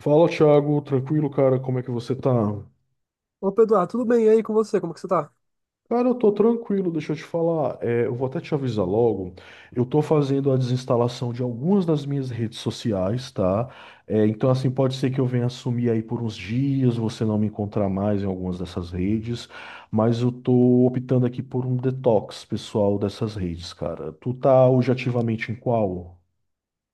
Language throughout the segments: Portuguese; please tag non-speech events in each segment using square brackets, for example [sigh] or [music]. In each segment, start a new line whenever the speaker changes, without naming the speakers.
Fala, Thiago, tranquilo, cara? Como é que você tá?
Ô Pedro, tudo bem? E aí com você? Como que você tá?
Cara, eu tô tranquilo, deixa eu te falar. Eu vou até te avisar logo. Eu tô fazendo a desinstalação de algumas das minhas redes sociais, tá? Então, pode ser que eu venha sumir aí por uns dias, você não me encontrar mais em algumas dessas redes, mas eu tô optando aqui por um detox pessoal dessas redes, cara. Tu tá hoje ativamente em qual?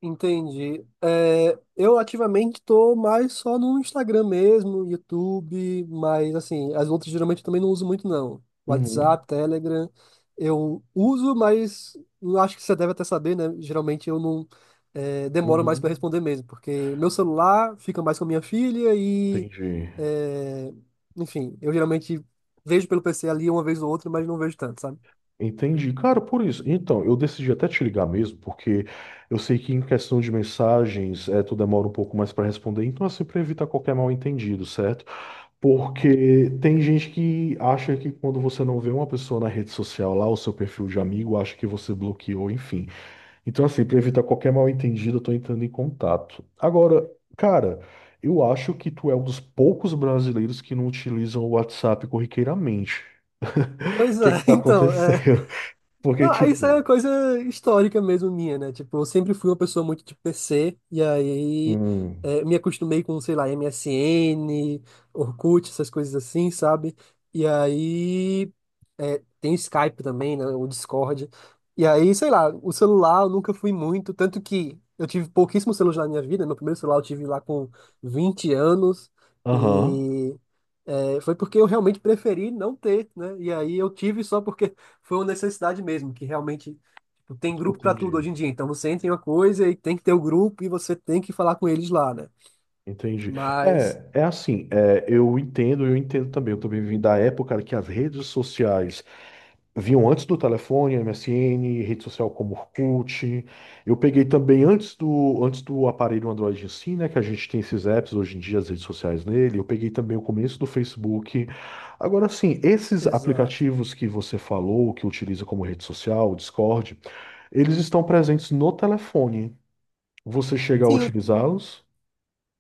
Entendi. Eu ativamente tô mais só no Instagram mesmo, YouTube, mas assim, as outras geralmente eu também não uso muito não.
Uhum,
WhatsApp, Telegram, eu uso, mas eu acho que você deve até saber, né? Geralmente eu não demoro mais para
uhum.
responder mesmo, porque meu celular fica mais com a minha filha e,
Entendi.
é, enfim, eu geralmente vejo pelo PC ali uma vez ou outra, mas não vejo tanto, sabe?
Entendi. Cara, por isso. Então, eu decidi até te ligar mesmo, porque eu sei que em questão de mensagens, tu demora um pouco mais para responder, então assim, para evitar qualquer mal-entendido, certo? Porque tem gente que acha que quando você não vê uma pessoa na rede social lá, o seu perfil de amigo, acha que você bloqueou, enfim. Então, assim, para evitar qualquer mal-entendido, eu tô entrando em contato. Agora, cara, eu acho que tu é um dos poucos brasileiros que não utilizam o WhatsApp corriqueiramente. [laughs] O
Pois
que é
é,
que
[laughs]
tá acontecendo? Porque,
Não, isso é uma
tipo,
coisa histórica mesmo minha, né? Tipo, eu sempre fui uma pessoa muito de PC, e aí
hum,
me acostumei com, sei lá, MSN, Orkut, essas coisas assim, sabe? E aí tem o Skype também, né? O Discord. E aí, sei lá, o celular eu nunca fui muito, tanto que eu tive pouquíssimo celular na minha vida. Meu primeiro celular eu tive lá com 20 anos,
aham,
e foi porque eu realmente preferi não ter, né? E aí eu tive só porque [laughs] foi uma necessidade mesmo, que realmente tipo, tem grupo para tudo
entendi,
hoje em dia. Então você entra em uma coisa e tem que ter o grupo e você tem que falar com eles lá, né?
entendi.
Mas,
É, é assim, é, eu entendo também. Eu também vim da época que as redes sociais vinham antes do telefone, MSN, rede social como Orkut. Eu peguei também antes do aparelho Android em si, né, que a gente tem esses apps hoje em dia, as redes sociais nele. Eu peguei também o começo do Facebook. Agora, sim, esses
exato.
aplicativos que você falou, que utiliza como rede social, o Discord, eles estão presentes no telefone. Você chega a
Sim,
utilizá-los?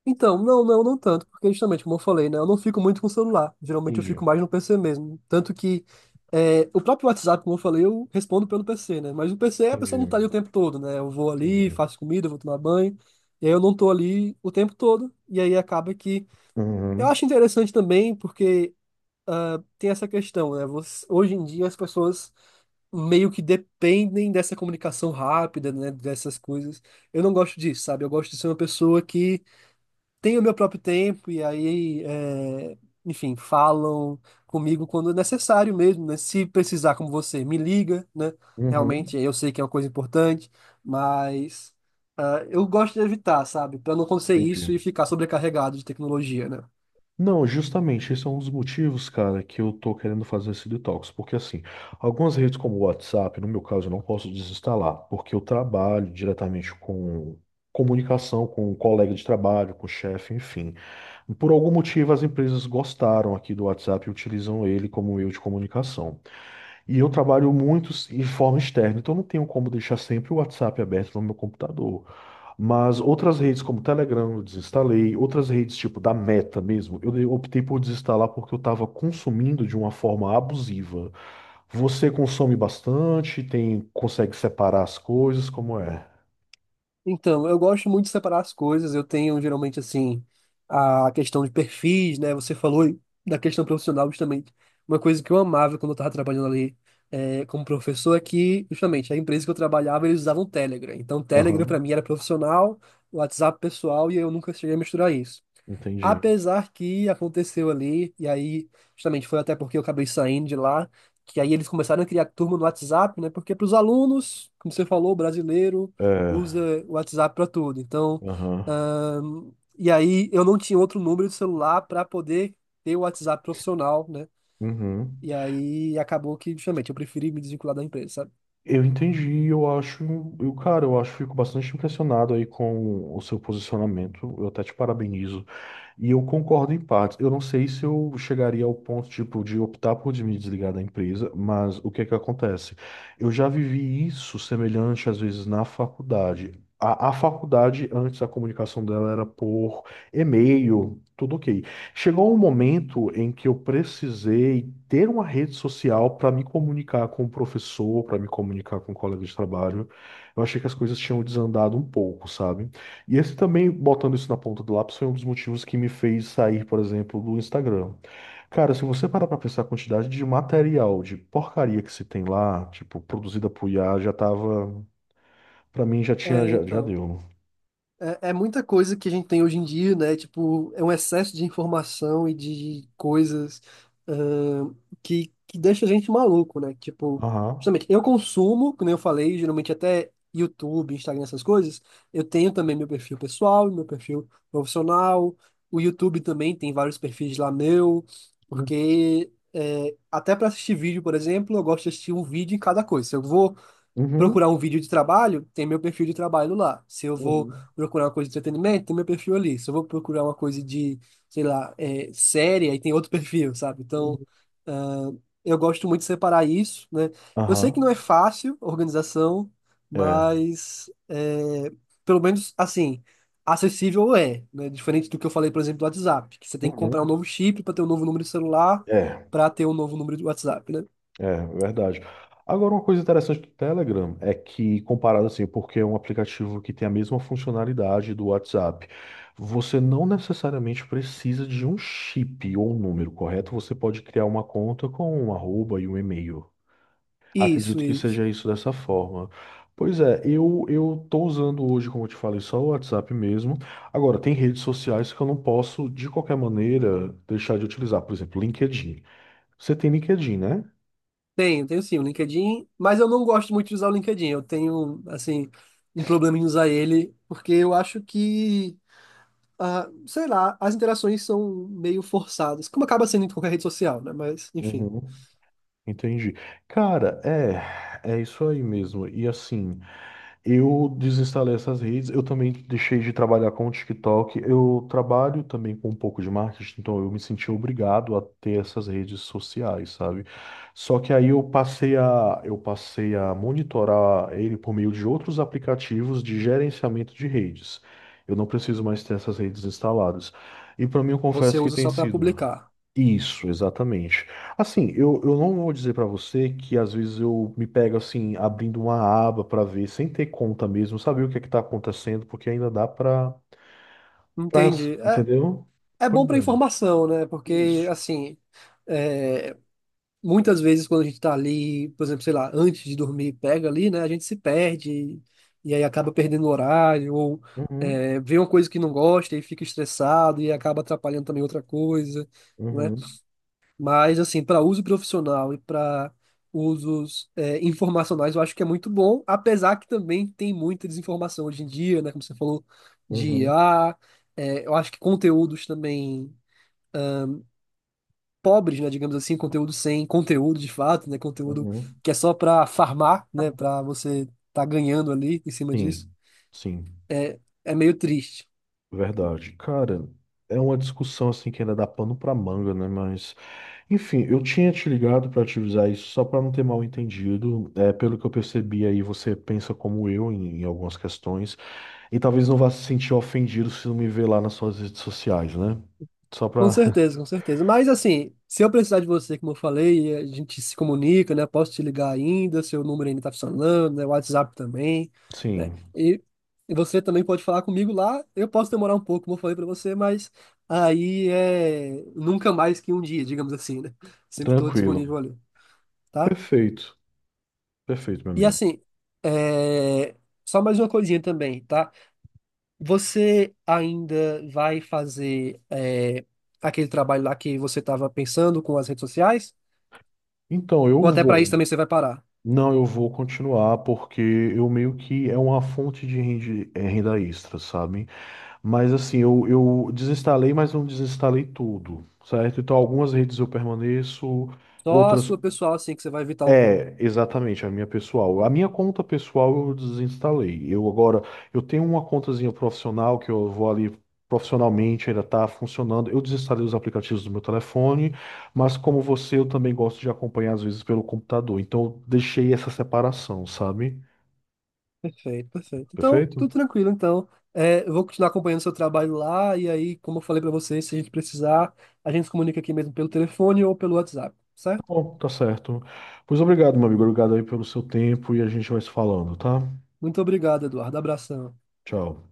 então, não tanto, porque justamente, como eu falei, né, eu não fico muito com o celular. Geralmente eu fico
Entendi,
mais no PC mesmo. Tanto que o próprio WhatsApp, como eu falei, eu respondo pelo PC, né? Mas o PC a pessoa não tá
entendi,
ali o tempo todo, né? Eu vou ali,
entendi.
faço comida, eu vou tomar banho, e aí eu não tô ali o tempo todo. E aí acaba que. Eu
Uhum,
acho interessante também, porque tem essa questão, né? Hoje em dia as pessoas meio que dependem dessa comunicação rápida, né? Dessas coisas. Eu não gosto disso, sabe? Eu gosto de ser uma pessoa que tenho o meu próprio tempo e aí, enfim, falam comigo quando é necessário mesmo, né? Se precisar, como você, me liga, né? Realmente,
uhum,
eu sei que é uma coisa importante, mas eu gosto de evitar, sabe? Para não acontecer isso e
entendi.
ficar sobrecarregado de tecnologia, né?
Não, justamente, esse é um dos motivos, cara, que eu tô querendo fazer esse detox. Porque, assim, algumas redes como o WhatsApp, no meu caso, eu não posso desinstalar, porque eu trabalho diretamente com comunicação, com um colega de trabalho, com o chefe, enfim. Por algum motivo, as empresas gostaram aqui do WhatsApp e utilizam ele como meio de comunicação. E eu trabalho muito de forma externa, então não tenho como deixar sempre o WhatsApp aberto no meu computador. Mas outras redes como Telegram eu desinstalei, outras redes tipo da Meta mesmo, eu optei por desinstalar porque eu estava consumindo de uma forma abusiva. Você consome bastante, tem, consegue separar as coisas, como é?
Então, eu gosto muito de separar as coisas. Eu tenho geralmente assim a questão de perfis, né? Você falou da questão profissional justamente. Uma coisa que eu amava quando eu estava trabalhando ali como professor é que justamente a empresa que eu trabalhava eles usavam Telegram. Então, Telegram para
Aham,
mim era profissional, WhatsApp pessoal e eu nunca cheguei a misturar isso.
entendi.
Apesar que aconteceu ali, e aí, justamente foi até porque eu acabei saindo de lá, que aí eles começaram a criar turma no WhatsApp, né? Porque para os alunos, como você falou, o brasileiro
É,
usa o WhatsApp para tudo. Então,
aham,
ahn, e aí eu não tinha outro número de celular para poder ter o WhatsApp profissional, né?
uhum.
E aí acabou que, justamente, eu preferi me desvincular da empresa, sabe?
Eu entendi, eu acho, eu, cara, eu acho, fico bastante impressionado aí com o seu posicionamento. Eu até te parabenizo e eu concordo em partes. Eu não sei se eu chegaria ao ponto, tipo, de optar por me desligar da empresa, mas o que é que acontece? Eu já vivi isso semelhante, às vezes, na faculdade. A faculdade, antes, a comunicação dela era por e-mail, tudo ok. Chegou um momento em que eu precisei ter uma rede social para me comunicar com o professor, para me comunicar com o colega de trabalho. Eu achei que as coisas tinham desandado um pouco, sabe? E esse também, botando isso na ponta do lápis, foi um dos motivos que me fez sair, por exemplo, do Instagram. Cara, se você parar pra pensar a quantidade de material, de porcaria que se tem lá, tipo, produzida por IA, já tava. Pra mim já tinha,
É,
já
então.
deu.
É, é muita coisa que a gente tem hoje em dia, né? Tipo, é um excesso de informação e de coisas, ahn, que deixa a gente maluco, né? Tipo,
Aham.
justamente, eu consumo, como eu falei, geralmente até YouTube, Instagram, essas coisas. Eu tenho também meu perfil pessoal, meu perfil profissional. O YouTube também tem vários perfis lá meu,
Uhum.
porque é, até para assistir vídeo, por exemplo, eu gosto de assistir um vídeo em cada coisa. Se eu vou
Uhum.
procurar um vídeo de trabalho, tem meu perfil de trabalho lá. Se eu vou procurar uma coisa de entretenimento, tem meu perfil ali. Se eu vou procurar uma coisa de, sei lá, série, aí tem outro [laughs] perfil, sabe? Então,
Uhum.
ah, eu gosto muito de separar isso, né? Eu sei que não é
Aham.
fácil a organização,
É.
mas é, pelo menos assim. Acessível é, né? Diferente do que eu falei, por exemplo, do WhatsApp, que você tem que comprar um
Uhum.
novo chip para ter um novo número de celular,
É.
para ter um novo número de WhatsApp, né?
É, verdade. Agora, uma coisa interessante do Telegram é que, comparado assim, porque é um aplicativo que tem a mesma funcionalidade do WhatsApp, você não necessariamente precisa de um chip ou um número, correto? Você pode criar uma conta com um arroba e um e-mail.
Isso,
Acredito que
isso.
seja isso dessa forma. Pois é, eu tô usando hoje, como eu te falei, só o WhatsApp mesmo. Agora, tem redes sociais que eu não posso, de qualquer maneira, deixar de utilizar. Por exemplo, LinkedIn. Você tem LinkedIn, né?
Tenho, tenho sim, o LinkedIn, mas eu não gosto muito de usar o LinkedIn. Eu tenho, assim, um problema em usar ele, porque eu acho que, sei lá, as interações são meio forçadas, como acaba sendo em qualquer rede social, né? Mas, enfim,
Uhum. Entendi. Cara, é isso aí mesmo. E assim, eu desinstalei essas redes, eu também deixei de trabalhar com o TikTok. Eu trabalho também com um pouco de marketing, então eu me senti obrigado a ter essas redes sociais, sabe? Só que aí eu passei a monitorar ele por meio de outros aplicativos de gerenciamento de redes. Eu não preciso mais ter essas redes instaladas. E para mim, eu
você
confesso que
usa
tem
só para
sido.
publicar.
Isso, exatamente. Assim, eu não vou dizer pra você que às vezes eu me pego assim, abrindo uma aba pra ver, sem ter conta mesmo, saber o que é que tá acontecendo, porque ainda dá pra,
Entendi. É,
entendeu?
é bom
Pois
para
é.
informação, né? Porque,
Isso.
assim, é, muitas vezes quando a gente tá ali, por exemplo, sei lá, antes de dormir, pega ali, né? A gente se perde e aí acaba perdendo o horário ou
Uhum,
vê uma coisa que não gosta e fica estressado e acaba atrapalhando também outra coisa, não é?
uhum,
Mas assim, para uso profissional e para usos é, informacionais, eu acho que é muito bom, apesar que também tem muita desinformação hoje em dia, né? Como você falou de
uhum,
IA, é, eu acho que conteúdos também pobres, né, digamos assim, conteúdo sem conteúdo de fato, né, conteúdo
uhum.
que é só para farmar, né, para você tá ganhando ali em cima disso,
Sim, sim,
é, é meio triste.
verdade. Cara, é uma discussão assim que ainda dá pano pra manga, né? Enfim, eu tinha te ligado para te avisar isso só para não ter mal entendido. É, pelo que eu percebi aí, você pensa como eu em algumas questões e talvez não vá se sentir ofendido se não me ver lá nas suas redes sociais, né? Só
Com
para,
certeza, com certeza. Mas assim, se eu precisar de você, como eu falei, a gente se comunica, né, posso te ligar ainda, seu número ainda tá funcionando, né, o WhatsApp também,
[laughs]
né,
sim,
e você também pode falar comigo lá, eu posso demorar um pouco, como eu falei para você, mas aí é nunca mais que um dia, digamos assim, né, sempre estou
tranquilo.
disponível ali, tá?
Perfeito, perfeito, meu
E
amigo.
assim, é, só mais uma coisinha também, tá? Você ainda vai fazer aquele trabalho lá que você estava pensando com as redes sociais?
Então, eu
Ou até para isso
vou.
também você vai parar?
Não, eu vou continuar porque eu meio que é uma fonte de é, renda extra, sabe? Mas assim, eu desinstalei, mas não desinstalei tudo, certo? Então, algumas redes eu permaneço,
Só a
outras.
sua pessoal, assim, que você vai evitar um pouco.
É, exatamente, a minha pessoal. A minha conta pessoal eu desinstalei. Eu agora, eu tenho uma contazinha profissional que eu vou ali profissionalmente, ainda tá funcionando. Eu desinstalei os aplicativos do meu telefone, mas como você, eu também gosto de acompanhar às vezes pelo computador. Então, eu deixei essa separação, sabe?
Perfeito, perfeito. Então,
Perfeito?
tudo tranquilo. Então, eu vou continuar acompanhando o seu trabalho lá. E aí, como eu falei para você, se a gente precisar, a gente se comunica aqui mesmo pelo telefone ou pelo WhatsApp, certo?
Bom, tá certo. Pois obrigado, meu amigo. Obrigado aí pelo seu tempo e a gente vai se falando, tá?
Muito obrigado, Eduardo. Abração.
Tchau.